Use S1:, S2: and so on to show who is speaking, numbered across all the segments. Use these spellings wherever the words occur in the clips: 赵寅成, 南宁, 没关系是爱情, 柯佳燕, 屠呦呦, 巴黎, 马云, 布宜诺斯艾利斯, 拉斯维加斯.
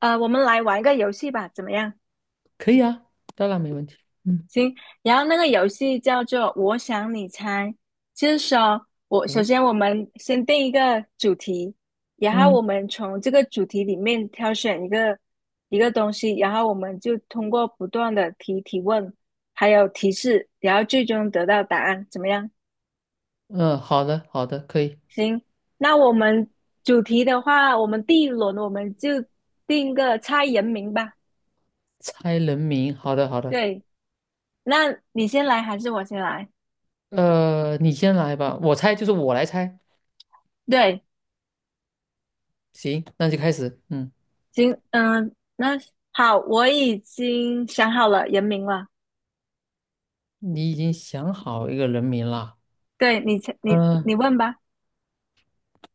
S1: 我们来玩一个游戏吧，怎么样？
S2: 可以啊，当然没问题。嗯，
S1: 行，然后那个游戏叫做"我想你猜"，就是说我首先
S2: 我
S1: 我们先定一个主题，然后
S2: 嗯
S1: 我们从这个主题里面挑选一个东西，然后我们就通过不断的提问，还有提示，然后最终得到答案，怎么样？
S2: 嗯，好的好的，可以
S1: 行，那我们主题的话，我们第一轮我们就定个猜人名吧。
S2: 猜人名。好的好的，
S1: 对，那你先来还是我先来？
S2: 你先来吧，我来猜。
S1: 对，
S2: 行，那就开始。嗯，
S1: 行，嗯，那好，我已经想好了人名了。
S2: 你已经想好一个人名了。
S1: 对你先，你你
S2: 嗯
S1: 问吧。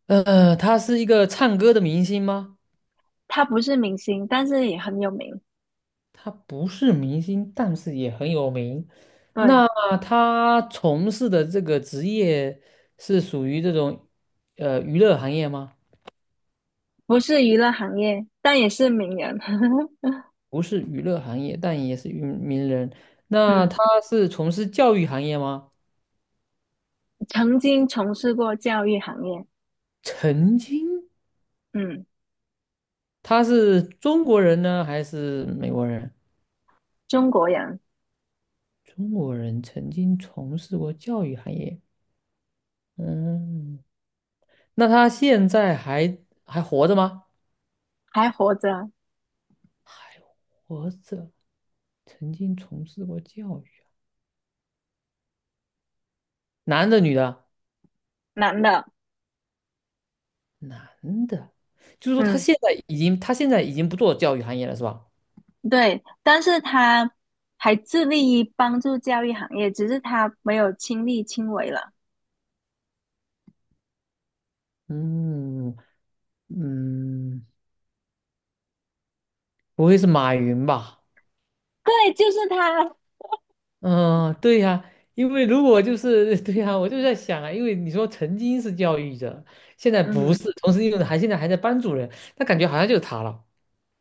S2: 他是一个唱歌的明星吗？
S1: 他不是明星，但是也很有名。
S2: 他不是明星，但是也很有名。
S1: 对，
S2: 那他从事的这个职业是属于这种娱乐行业吗？
S1: 不是娱乐行业，但也是名人。
S2: 不是娱乐行业，但也是名人。那
S1: 嗯，
S2: 他是从事教育行业吗？
S1: 曾经从事过教育行业。
S2: 曾经，
S1: 嗯，
S2: 他是中国人呢，还是美国人？
S1: 中国人
S2: 中国人曾经从事过教育行业。嗯，那他现在还活着吗？
S1: 还活着，
S2: 还活着，曾经从事过教育，啊。男的女的啊？
S1: 男的。
S2: 男的，就是说
S1: 嗯，
S2: 他现在已经不做教育行业了，是吧？
S1: 对，但是他还致力于帮助教育行业，只是他没有亲力亲为了。
S2: 嗯嗯。不会是马云吧？
S1: 对，就是他。
S2: 嗯，对呀，因为如果就是 对呀，我就在想啊，因为你说曾经是教育者，现在不
S1: 嗯。
S2: 是，同时又现在还在班主任，那感觉好像就是他了。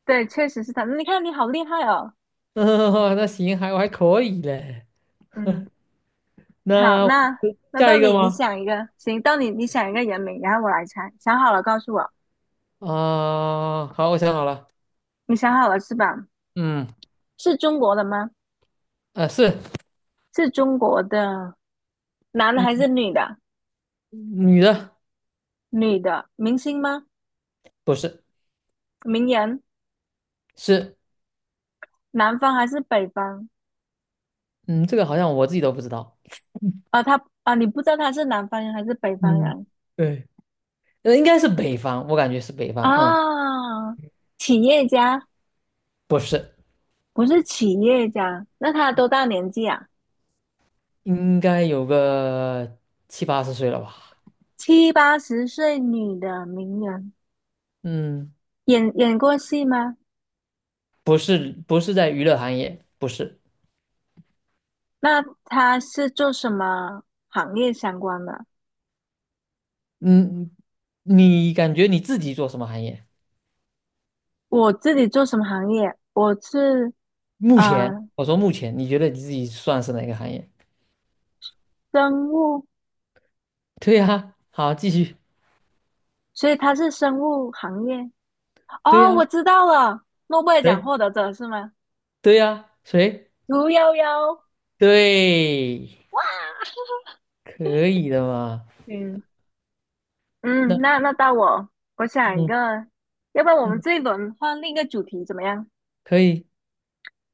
S1: 对，确实是他。你看，你好厉害哦。
S2: 嗯，那行，还我还可以嘞。
S1: 嗯，好，
S2: 那我
S1: 那那
S2: 下
S1: 到
S2: 一个
S1: 你，你
S2: 吗？
S1: 想一个，行，到你，你想一个人名，然后我来猜。想好了告诉我，
S2: 啊、好，我想好了。
S1: 你想好了是吧？
S2: 嗯。
S1: 是中国的吗？
S2: 啊，是。
S1: 是中国的，男的还是
S2: 嗯，
S1: 女的？
S2: 女的。
S1: 女的，明星吗？
S2: 不是，
S1: 名人，
S2: 是。
S1: 南方还是北方？
S2: 嗯，这个好像我自己都不知道。
S1: 啊，他啊，你不知道他是南方人还是北方
S2: 嗯，
S1: 人
S2: 对，那应该是北方，我感觉是北方。嗯，
S1: 啊？企业家，
S2: 不是。
S1: 不是企业家，那他多大年纪啊？
S2: 应该有个七八十岁了吧？
S1: 七八十岁女的名人。
S2: 嗯，
S1: 演过戏吗？
S2: 不是，不是在娱乐行业，不是。
S1: 那他是做什么行业相关的？
S2: 嗯，你感觉你自己做什么行业？
S1: 我自己做什么行业？我是
S2: 目前，
S1: 呃
S2: 我说目前，你觉得你自己算是哪个行业？
S1: 生物，
S2: 对呀，好，继续。
S1: 所以他是生物行业。
S2: 对
S1: 哦，
S2: 呀，
S1: 我知道了，诺贝尔奖
S2: 谁？
S1: 获得者是吗？
S2: 对呀，谁？
S1: 屠呦呦，
S2: 对，可以的嘛？
S1: 嗯嗯，
S2: 那
S1: 那那到我，我想一
S2: 嗯
S1: 个，要不然我们
S2: 嗯，
S1: 这一轮换另一个主题怎么样？
S2: 可以，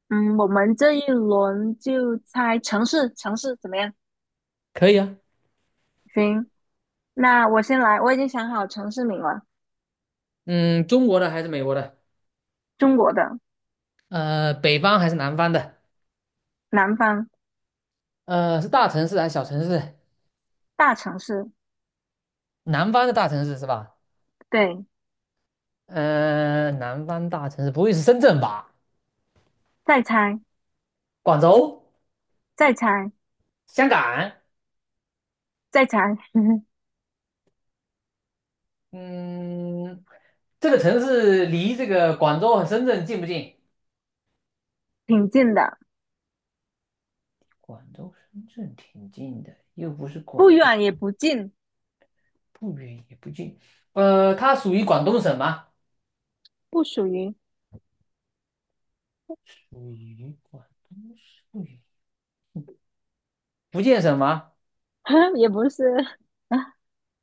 S1: 嗯，我们这一轮就猜城市，城市怎么样？
S2: 可以啊。
S1: 行，那我先来，我已经想好城市名了。
S2: 嗯，中国的还是美国的？
S1: 中国的
S2: 北方还是南方的？
S1: 南方
S2: 是大城市还是小城市？
S1: 大城市，
S2: 南方的大城市是吧？
S1: 对，
S2: 南方大城市不会是深圳吧？
S1: 再猜，
S2: 广州、
S1: 再猜，
S2: 香港，
S1: 再猜，
S2: 嗯，这个城市离这个广州和深圳近不近？
S1: 挺近的，
S2: 广州、深圳挺近的，又不是
S1: 不
S2: 广州，
S1: 远也不近，
S2: 不远也不近。它属于广东省吗？
S1: 不属于，
S2: 属于广东省，不远福建省吗？
S1: 也不是，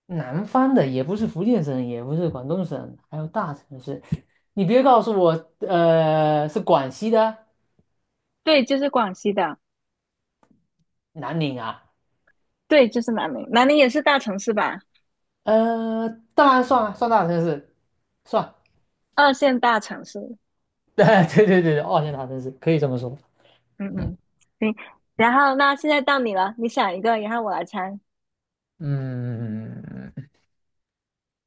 S2: 南方的也不是福建省，也不是广东省，还有大城市。你别告诉我，是广西的
S1: 对，就是广西的，
S2: 南宁啊？
S1: 对，就是南宁，南宁也是大城市吧，
S2: 呃，当然算啊，算大城市，算。
S1: 二线大城市，
S2: 对对对对，二线大城市可以这么说。
S1: 嗯
S2: 嗯
S1: 嗯，行，然后那现在到你了，你想一个，然后我来猜，
S2: 嗯，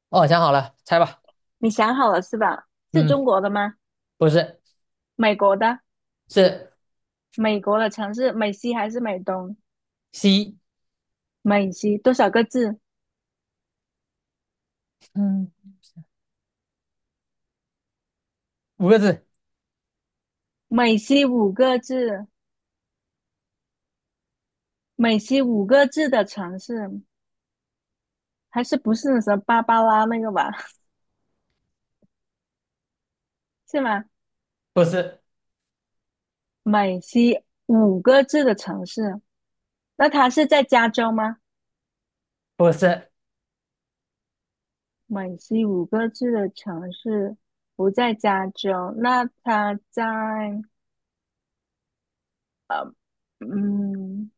S2: 哦，想好了，猜吧。
S1: 你想好了是吧？是
S2: 嗯，
S1: 中国的吗？
S2: 不是，
S1: 美国的，
S2: 是
S1: 美国的城市，美西还是美东？
S2: C。
S1: 美西多少个字？
S2: 嗯，五个字，
S1: 美西五个字，美西五个字的城市，还是不是那什么芭芭拉那个吧？是吗？
S2: 不是，
S1: 美西五个字的城市，那它是在加州吗？
S2: 不是。
S1: 美西五个字的城市不在加州，那它在嗯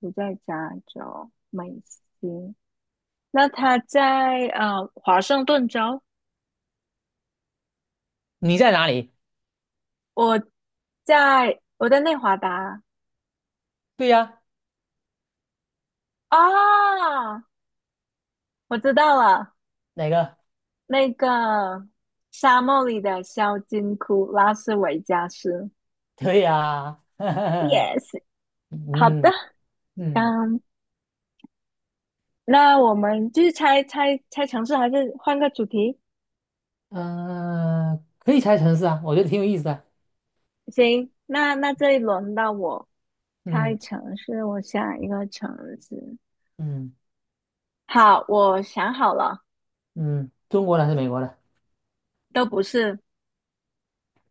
S1: 不在加州，美西，那它在华盛顿州，
S2: 你在哪里？
S1: 我我在内华达
S2: 对呀，
S1: 啊，我知道了。
S2: 哪个？
S1: 那个沙漠里的小金库，拉斯维加斯。
S2: 对呀。
S1: Yes,好的，
S2: 嗯嗯
S1: 嗯，那我们继续猜城市，还是换个主题？
S2: 可以猜城市啊，我觉得挺有意思的。
S1: 行，那那这一轮到我猜
S2: 嗯。
S1: 城市，我想一个城市。
S2: 嗯，
S1: 好，我想好了，
S2: 嗯，中国的还是美国的？
S1: 都不是，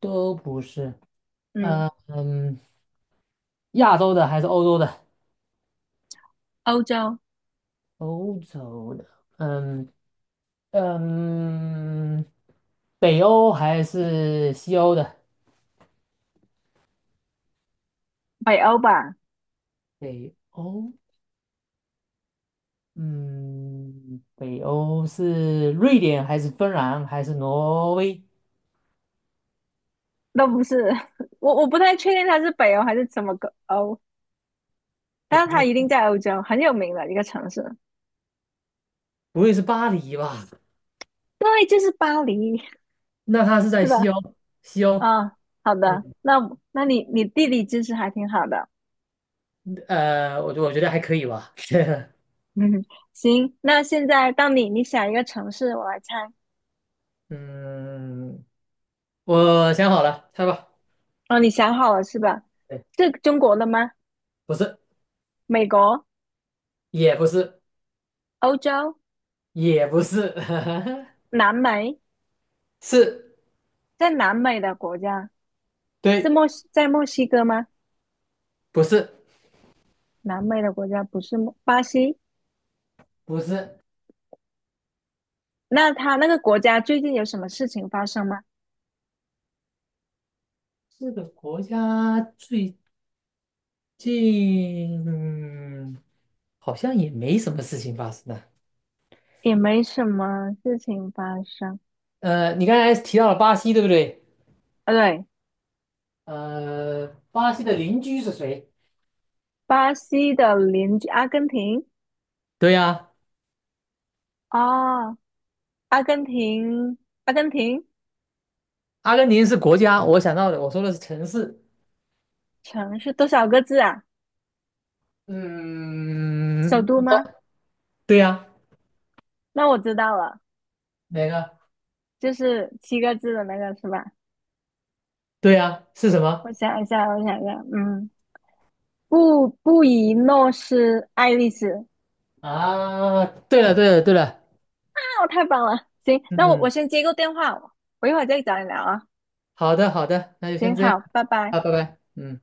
S2: 都不是。
S1: 嗯，
S2: 嗯。亚洲的还是欧洲的？
S1: 欧洲，
S2: 欧洲的，嗯。嗯，北欧还是西欧的？
S1: 北欧吧，
S2: 北欧，嗯，北欧是瑞典还是芬兰还是挪威？
S1: 都不是。我不太确定它是北欧还是什么个欧，
S2: 我
S1: 但
S2: 不
S1: 是它
S2: 太，
S1: 一定在欧洲，很有名的一个城市。
S2: 不会是巴黎吧？
S1: 对，就是巴黎。
S2: 那它是在
S1: 是吧？
S2: 西欧，西欧，
S1: 啊，好的，
S2: 嗯，
S1: 那我那你地理知识还挺好的，
S2: 我觉得还可以吧，
S1: 嗯，行，那现在到你，你想一个城市，我来猜。
S2: 嗯，我想好了，猜吧。
S1: 哦，你想好了是吧？
S2: 对，
S1: 是中国的吗？
S2: 不是，
S1: 美国、
S2: 也不是，
S1: 欧洲、
S2: 也不是，
S1: 南美，
S2: 是。
S1: 在南美的国家是
S2: 对，
S1: 墨西，在墨西哥吗？
S2: 不是，
S1: 南美的国家不是墨巴西，
S2: 不是，
S1: 那他那个国家最近有什么事情发生吗？
S2: 这个国家最近，嗯，好像也没什么事情发生啊。
S1: 也没什么事情发生。
S2: 你刚才提到了巴西，对不对？
S1: 啊，对，
S2: 巴西的邻居是谁？
S1: 巴西的邻居阿根廷。
S2: 对呀，
S1: 哦，阿根廷，阿根廷
S2: 阿根廷是国家，我想到的，我说的是城市。
S1: 城市多少个字啊？首
S2: 嗯，
S1: 都吗？
S2: 对呀，
S1: 那我知道了，
S2: 哪个？
S1: 就是七个字的那个是吧？
S2: 对呀，是什
S1: 我
S2: 么？
S1: 想一下，我想一下，嗯，布宜诺斯艾利斯，
S2: 啊，对了，对了，对了，
S1: 啊，太棒了！行，那我
S2: 嗯，
S1: 先接个电话，我一会儿再找你聊啊。
S2: 好的，好的，那就
S1: 行，
S2: 先这样
S1: 好，拜拜。
S2: 啊，拜拜。嗯。